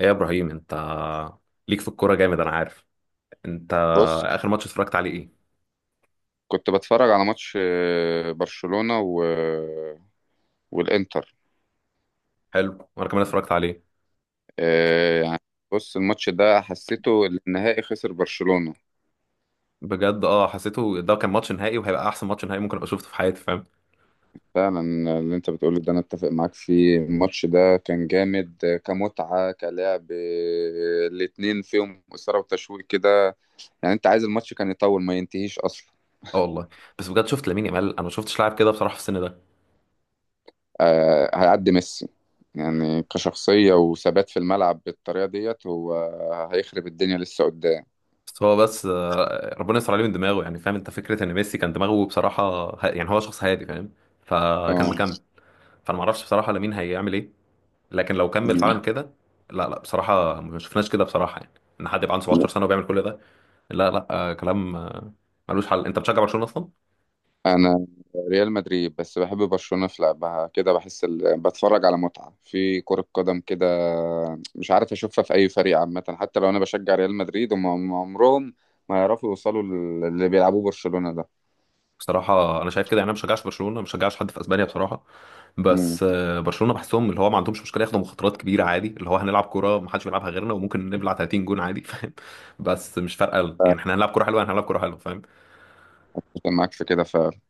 ايه يا ابراهيم، انت ليك في الكوره جامد، انا عارف. انت بص، اخر ماتش اتفرجت عليه ايه؟ كنت بتفرج على ماتش برشلونة و... آه، والإنتر. حلو، وانا كمان اتفرجت عليه. يعني بص، الماتش ده حسيته النهائي، خسر برشلونة. بجد اه، حسيته ده كان ماتش نهائي وهيبقى احسن ماتش نهائي ممكن ابقى شفته في حياتي، فاهم؟ فعلا. اللي انت بتقوله ده انا اتفق معاك فيه. الماتش ده كان جامد، كمتعة كلعب. الاتنين فيهم إثارة وتشويق كده. يعني انت عايز الماتش كان يطول، ما ينتهيش اصلا. اه والله. بس بجد شفت لامين يامال، انا ما شفتش لاعب كده بصراحه في السن ده. هيعدي ميسي. يعني كشخصية وثبات في الملعب بالطريقة ديت، هو هيخرب الدنيا لسه قدام. بس هو بس آه، ربنا يستر عليه من دماغه يعني، فاهم؟ انت فكره ان ميسي كان دماغه بصراحه يعني هو شخص هادي، فاهم؟ فكان اه، مكمل. فانا ما اعرفش بصراحه لامين هيعمل ايه، لكن لو كمل فعلا كده، لا لا بصراحه ما شفناش كده بصراحه يعني، ان حد يبقى عنده 17 سنه وبيعمل كل ده. لا لا، كلام ملوش حل. انت بتشجع برشلونه اصلا؟ انا ريال مدريد، بس بحب برشلونة في لعبها كده. بحس بتفرج على متعة في كرة قدم كده. مش عارف اشوفها في اي فريق عامة. حتى لو انا بشجع ريال مدريد، هم عمرهم ما يعرفوا يوصلوا اللي بيلعبوه برشلونة ده. بصراحه انا شايف كده، يعني انا ما بشجعش برشلونه، ما بشجعش حد في اسبانيا بصراحه. امم، بس برشلونه بحسهم اللي هو ما عندهمش مشكله ياخدوا مخاطرات كبيره عادي، اللي هو هنلعب كوره ما حدش بيلعبها غيرنا وممكن نبلع 30 جون عادي فاهم؟ بس مش فارقه يعني، احنا هنلعب كوره حلوه هنلعب كوره حلوه، فاهم؟ معاك في كده فعلا.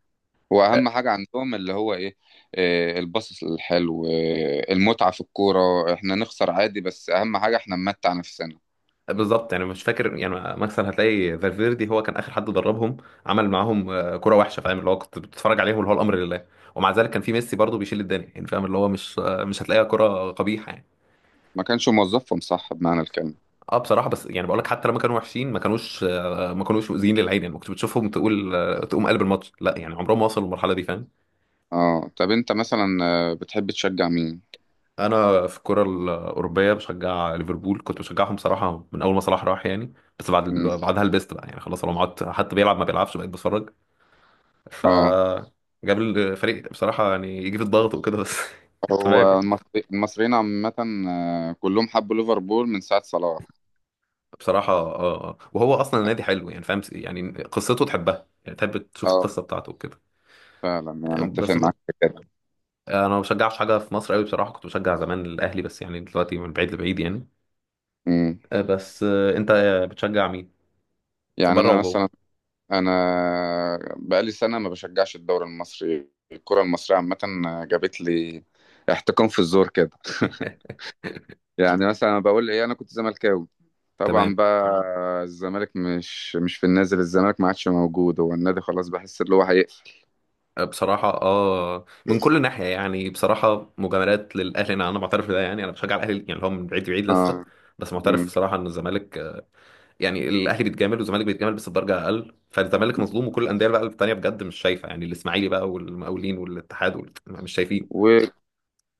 واهم آه، حاجة عندهم اللي هو ايه؟ الباص الحلو، المتعة في الكورة. احنا نخسر عادي، بس اهم حاجة احنا نمتع نفسنا. بالظبط، يعني مش فاكر يعني مكسل، هتلاقي فالفيردي هو كان اخر حد دربهم. عمل معاهم كوره وحشه، فاهم؟ اللي هو كنت بتتفرج عليهم، اللي هو الامر لله. ومع ذلك كان في ميسي برضه بيشيل الدنيا يعني، فاهم؟ اللي هو مش هتلاقيها كوره قبيحه يعني. ما كانش موظفهم صح بمعنى الكلمة. اه بصراحه، بس يعني بقول لك حتى لما كانوا وحشين ما كانوش ما كانوش مؤذيين للعين يعني، ما كنت بتشوفهم تقول تقوم قلب الماتش، لا يعني عمرهم ما وصلوا للمرحله دي، فاهم؟ اه، طب انت مثلا، بتحب تشجع مين؟ انا في الكره الاوروبيه بشجع ليفربول، كنت بشجعهم صراحه من اول ما صلاح راح يعني. بس بعدها لبست بقى يعني، خلاص لو قعدت حتى بيلعب ما بيلعبش بقيت بتفرج. ف اه. جاب الفريق بصراحه يعني، يجي في الضغط وكده بس هو تمام يعني. المصري، المصريين عامة، كلهم حبوا ليفربول من ساعة صلاح. بصراحه اه وهو اصلا النادي حلو يعني، فاهم؟ يعني قصته تحبها، يعني تحب تشوف اه، القصه بتاعته وكده. فعلا. يعني اتفق بس معاك في كده. انا ما بشجعش حاجه في مصر قوي بصراحه، كنت بشجع زمان الاهلي بس، يعني دلوقتي من بعيد لبعيد يعني. مم. بس انت بتشجع مين في يعني بره انا وجوه؟ مثلا، انا بقالي سنة ما بشجعش الدوري المصري. الكرة المصرية عامة جابت لي احتكام في الزور كده. يعني مثلا، أنا بقول ايه، انا كنت زملكاوي طبعا تمام. بقى. الزمالك مش في النازل، الزمالك ما عادش موجود. هو النادي خلاص، بحس ان هو هيقفل. بصراحه اه، من كل ناحيه يعني بصراحه، مجاملات للاهلي. انا معترف بده، يعني انا بشجع الاهلي يعني، اللي هو من بعيد لبعيد لسه. اه. بس معترف مم. بصراحه ان الزمالك يعني الاهلي بيتجامل والزمالك بيتجامل بس بدرجه اقل، فالزمالك مظلوم. وكل الانديه بقى التانيه بجد مش شايفه، يعني الاسماعيلي بقى والمقاولين والاتحاد مش شايفين.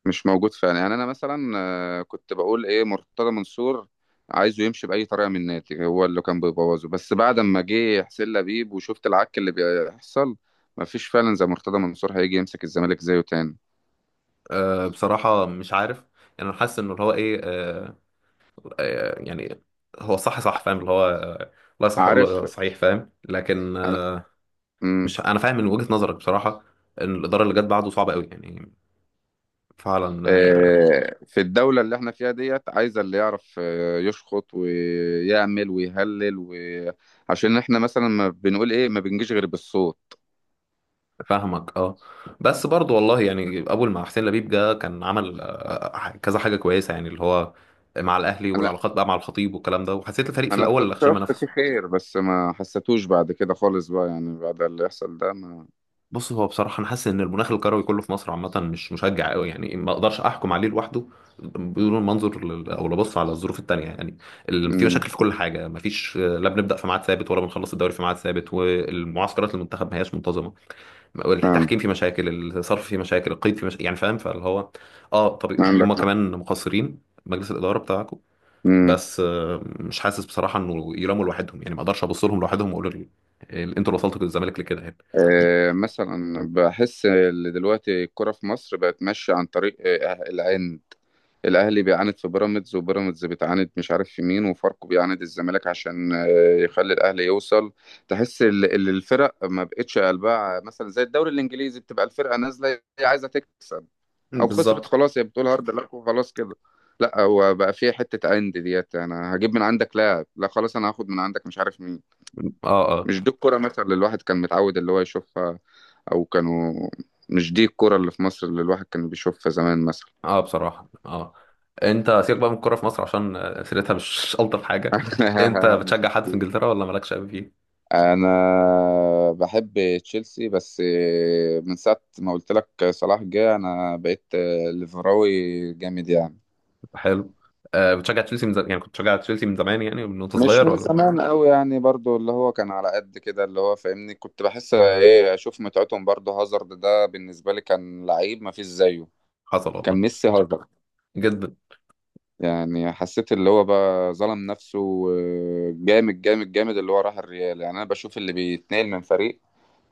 مش موجود فعلا. يعني انا مثلا، كنت بقول ايه، مرتضى منصور عايزه يمشي باي طريقه من النادي، هو اللي كان بيبوظه. بس بعد ما جه حسين لبيب وشفت العك اللي بيحصل، مفيش فعلا زي مرتضى منصور هيجي يمسك الزمالك زيه تاني. بصراحه مش عارف، يعني انا حاسس انه اللي هو ايه يعني هو صح صح، فاهم؟ اللي هو لا صح يقول له عارف. صحيح، فاهم؟ لكن انا امم مش انا فاهم من وجهة نظرك بصراحة، ان الإدارة اللي جت بعده صعبة قوي يعني. فعلا في الدوله اللي احنا فيها ديت عايزه اللي يعرف يشخط ويعمل ويهلل عشان احنا مثلا ما بنقول ايه، ما بنجيش غير بالصوت. فاهمك اه. بس برضو والله يعني، اول ما حسين لبيب جه كان عمل كذا حاجة كويسة يعني، اللي هو مع الاهلي والعلاقات بقى مع الخطيب والكلام ده، وحسيت الفريق في انا الاول اللي خشم استشرت فيه نفسه. خير، بس ما حسيتوش بعد كده خالص بقى. يعني بعد اللي يحصل ده ما، بص هو بصراحة أنا حاسس إن المناخ الكروي كله في مصر عامة مش مشجع أوي يعني، ما أقدرش أحكم عليه لوحده بدون المنظر أو لبص على الظروف التانية يعني. في امم. مشاكل في كل حاجة، ما فيش لا بنبدأ في ميعاد ثابت ولا بنخلص الدوري في ميعاد ثابت، والمعسكرات المنتخب ما هياش منتظمة. فعلا، التحكيم فيه مشاكل، الصرف فيه مشاكل، القيد فيه مشاكل، يعني فاهم؟ فاللي هو أه، طب هما عندك حق. كمان مقصرين مجلس الإدارة بتاعكم. امم. بس مش حاسس بصراحة إنه يلاموا لوحدهم يعني، ما أقدرش أبص لهم لوحدهم وأقول أنتوا اللي وصلتوا الزمالك لكده يعني. مثلا بحس ان دلوقتي الكرة في مصر بقت ماشية عن طريق العند. الاهلي بيعاند في بيراميدز، وبيراميدز بتعاند مش عارف في مين، وفاركو بيعاند الزمالك عشان يخلي الاهلي يوصل. تحس الفرق ما بقتش قلبها. مثلا زي الدوري الانجليزي، بتبقى الفرقة نازلة هي عايزة تكسب. او خسرت بالظبط خلاص هي بتقول هارد لك وخلاص كده. لا هو بقى فيها حته اند ديت، انا هجيب من عندك لاعب، لا خلاص انا هاخد من عندك مش عارف مين. اه مش دي الكوره مثلا اللي الواحد كان متعود اللي هو يشوفها، او كانوا. مش دي الكوره اللي في مصر اللي الواحد كان بيشوفها زمان مثلا. اه بصراحة اه. انت سيبك بقى من الكورة في مصر عشان سيرتها مش ألطف حاجة. انت مش بتشجع حد في دي. انجلترا ولا مالكش قوي فيه؟ انا بحب تشيلسي، بس من ساعه ما قلت لك صلاح جه، انا بقيت ليفراوي جامد يعني. حلو آه، بتشجع تشيلسي من زمان يعني، كنت بتشجع تشيلسي من زمان يعني من وانت مش صغير من ولا؟ زمان قوي يعني، برضو اللي هو كان على قد كده اللي هو فاهمني. كنت بحس ايه، اشوف متعتهم. برضو هازارد ده بالنسبة لي كان لعيب ما فيش زيه. حصل كان والله. ميسي هازارد. جدا. يعني حسيت اللي هو بقى ظلم نفسه، جامد جامد جامد اللي هو راح الريال. يعني انا بشوف اللي بيتنقل من فريق،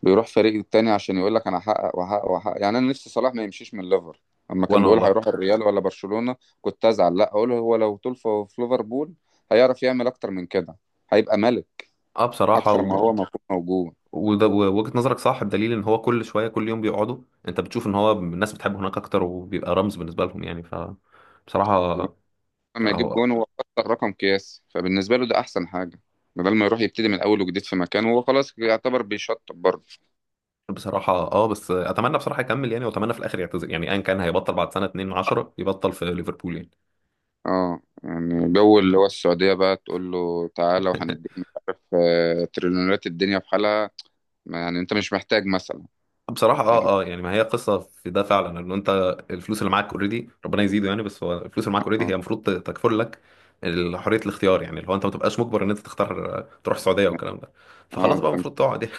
بيروح فريق التاني عشان يقول لك انا هحقق وهحقق وهحقق. يعني انا نفسي صلاح ما يمشيش من ليفر. اما كان وانا بيقول والله هيروح الريال ولا برشلونة كنت ازعل، لا اقول هو لو طول في ليفربول هيعرف يعمل اكتر من كده، هيبقى ملك اه بصراحة اكتر ما هو المفروض موجود. وده ووجهة نظرك صح، بدليل ان هو كل شوية كل يوم بيقعدوا. انت بتشوف ان هو الناس بتحبه هناك اكتر وبيبقى رمز بالنسبة لهم، يعني ف بصراحة لما يجيب هو جون هو اكتر رقم قياسي، فبالنسبه له ده احسن حاجه. بدل ما يروح يبتدي من الاول وجديد في مكان، هو خلاص يعتبر بيشطب برضه. بصراحة اه. بس اتمنى بصراحة يكمل يعني، واتمنى في الاخر يعتزل يعني ايا كان، هيبطل بعد سنة 2 10 يبطل في ليفربول يعني. اه يعني جو اللي هو السعوديه بقى، تقول له تعالى وهنديك مش عارف تريليونات الدنيا في حالها. يعني انت مش محتاج مثلا. بصراحة اه اه، يعني ما هي قصة في ده فعلا، ان انت الفلوس اللي معاك اوريدي ربنا يزيده يعني، بس هو الفلوس اللي معاك اوريدي اه، هي المفروض تكفل لك حرية الاختيار، يعني اللي هو انت ما تبقاش مجبر ان انت تختار تروح السعودية والكلام ده، فخلاص بقى انت مش، المفروض تقعد يعني.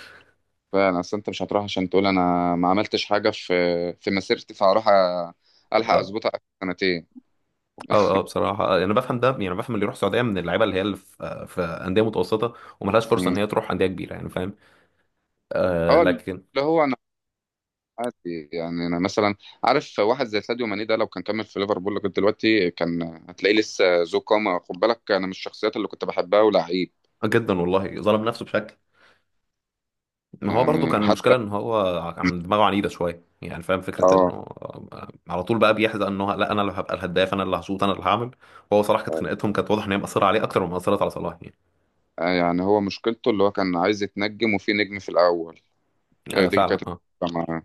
فعلا اصل انت مش هتروح عشان تقول انا ما عملتش حاجه في مسيرتي فهروح، الحق اه اظبطها آخر سنتين. اه بصراحة يعني انا بفهم ده، يعني بفهم اللي يروح السعودية من اللعيبة اللي هي اللي في في أندية متوسطة وملهاش فرصة مم. ان هي تروح أندية كبيرة، يعني فاهم؟ آه اه، اللي لكن هو عادي يعني. انا مثلا عارف واحد زي ساديو ماني ده لو كان كمل في ليفربول لغايه دلوقتي، كان هتلاقيه لسه ذو قامه. خد بالك انا من الشخصيات اللي كنت بحبها ولعيب. جدا والله ظلم نفسه بشكل. ما هو برضه كان يعني حتى، المشكلة ان هو كان دماغه عنيدة شوية يعني، فاهم؟ فكرة اه. انه على طول بقى بيحزق انه لا انا اللي هبقى الهداف، انا اللي هشوط، انا اللي هعمل. وهو صراحة كانت خناقتهم كانت واضح ان هي مأثرة عليه اكتر ما مأثرت على صلاح يعني. يعني هو مشكلته اللي هو كان عايز يتنجم وفي نجم في الاول، هي آه دي فعلا كانت اه المشكلة معاه.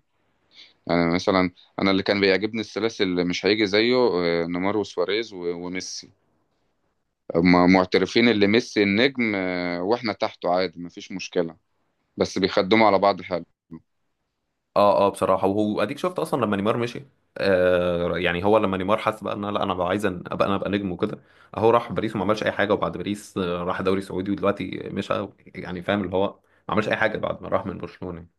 يعني مثلا، انا اللي كان بيعجبني الثلاثي اللي مش هيجي زيه، نيمار وسواريز وميسي. هما معترفين اللي ميسي النجم، واحنا تحته عادي، مفيش مشكله. بس بيخدموا على بعض حلو. اه اه بصراحة. وهو اديك شفت اصلا لما نيمار مشي، آه يعني هو لما نيمار حس بقى ان لا انا بقى عايز ابقى انا ابقى نجم وكده. اهو راح باريس وما عملش اي حاجة، وبعد باريس راح دوري سعودي ودلوقتي مشى، يعني فاهم؟ اللي هو ما عملش اي حاجة بعد ما راح من برشلونة يعني.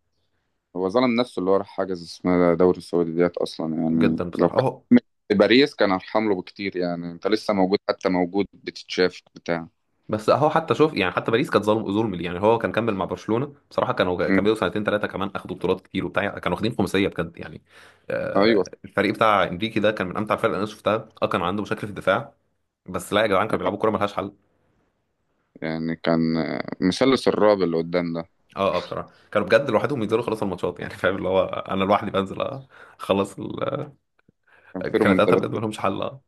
هو ظلم نفسه اللي هو راح حجز اسمها دوري السعودي ديت اصلا. يعني جدا لو بصراحة كان اهو. كمل في باريس، كان ارحم له بكتير. يعني انت لسه موجود، حتى موجود بتتشاف بتاع. بس اهو حتى شوف يعني، حتى باريس كانت ظلم، ظلم ليه يعني؟ هو كان كمل مع برشلونه بصراحه كانوا مم. كملوا سنتين ثلاثه كمان، اخدوا بطولات كتير وبتاع يعني، كانوا واخدين خماسيه بجد يعني. ايوه. الفريق بتاع انريكي ده كان من امتع الفرق اللي انا شفتها اه، كان عنده مشاكل في الدفاع بس لا يا جدعان كانوا بيلعبوا كوره ملهاش حل يعني كان مثلث الرعب اللي قدام ده. اه. اه بصراحه كانوا بجد لوحدهم ينزلوا خلاص الماتشات، يعني فاهم؟ اللي هو انا لوحدي بنزل اخلص كان في كانت قاعده رومنتادات. بجد ملهمش حل اه.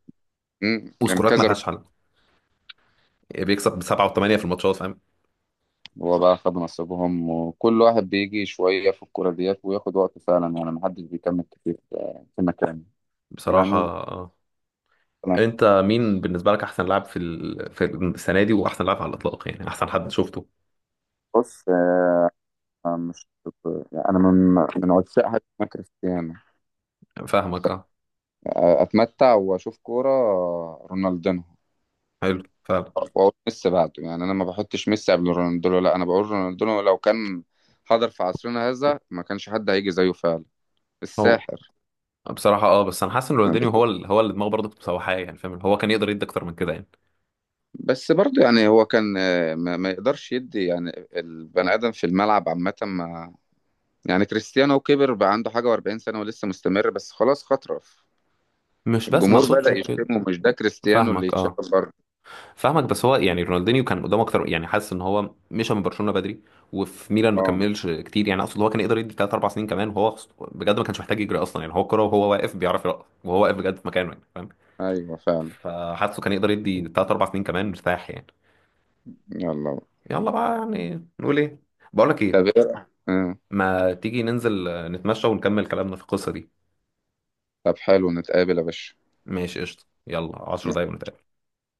مم. كان وسكورات كذا ملهاش حل يعني، بيكسب بسبعه وثمانيه في الماتشات، فاهم؟ هو بقى خد نصيبهم. وكل واحد بيجي شويه في الكوره ديت وياخد وقته فعلا. يعني محدش بيكمل كتير في مكانه. بصراحه يعني مثلا، انت مين بالنسبه لك احسن لاعب في في السنه دي، واحسن لاعب على الاطلاق يعني، احسن حد شفته؟ بص مش، يعني انا من عشاق حاجه اسمها كريستيانو. فاهمك اه. اتمتع واشوف كوره رونالدينو حلو فعلا. واقول ميسي بعده. يعني انا ما بحطش ميسي قبل رونالدينو، لا انا بقول رونالدينو لو كان حضر في عصرنا هذا ما كانش حد هيجي زيه فعلا، هو الساحر. بصراحه اه، بس انا حاسس ان رونالدينيو هو هو اللي دماغه برضه كانت مسوحاه يعني، فاهم؟ هو كان يقدر يدي اكتر من كده يعني. بس برضه يعني هو كان ما يقدرش يدي. يعني البني ادم في الملعب عامه ما. يعني كريستيانو كبر بقى، عنده حاجه و40 سنه ولسه مستمر، بس خلاص خطرف. مش بس ما الجمهور اقصدش بدأ كده. يشتمه، مش ده كريستيانو اللي فاهمك يتشاف اه، بره. فاهمك. بس هو يعني رونالدينيو كان قدامه اكتر يعني، حاسس ان هو مشى من برشلونه بدري وفي ميلان ما اه، كملش كتير يعني. اقصد هو كان يقدر يدي 3 4 سنين كمان، وهو بجد ما كانش محتاج يجري اصلا، يعني هو الكوره وهو واقف بيعرف يرقص وهو واقف بجد في مكانه، يعني فاهم؟ ايوه فعلا. فحاسه كان يقدر يدي 3 4 سنين كمان مرتاح يعني. يلا. يلا بقى، يعني نقول إيه؟ بقول لك طب إيه، إيه؟ ما تيجي ننزل نتمشى ونكمل كلامنا في القصة دي؟ طب حلو، نتقابل يا باشا. ماشي قشطة، يلا عشر م- دقايق ونتقابل.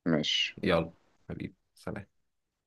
ماشي. يلا، حبيبي سلام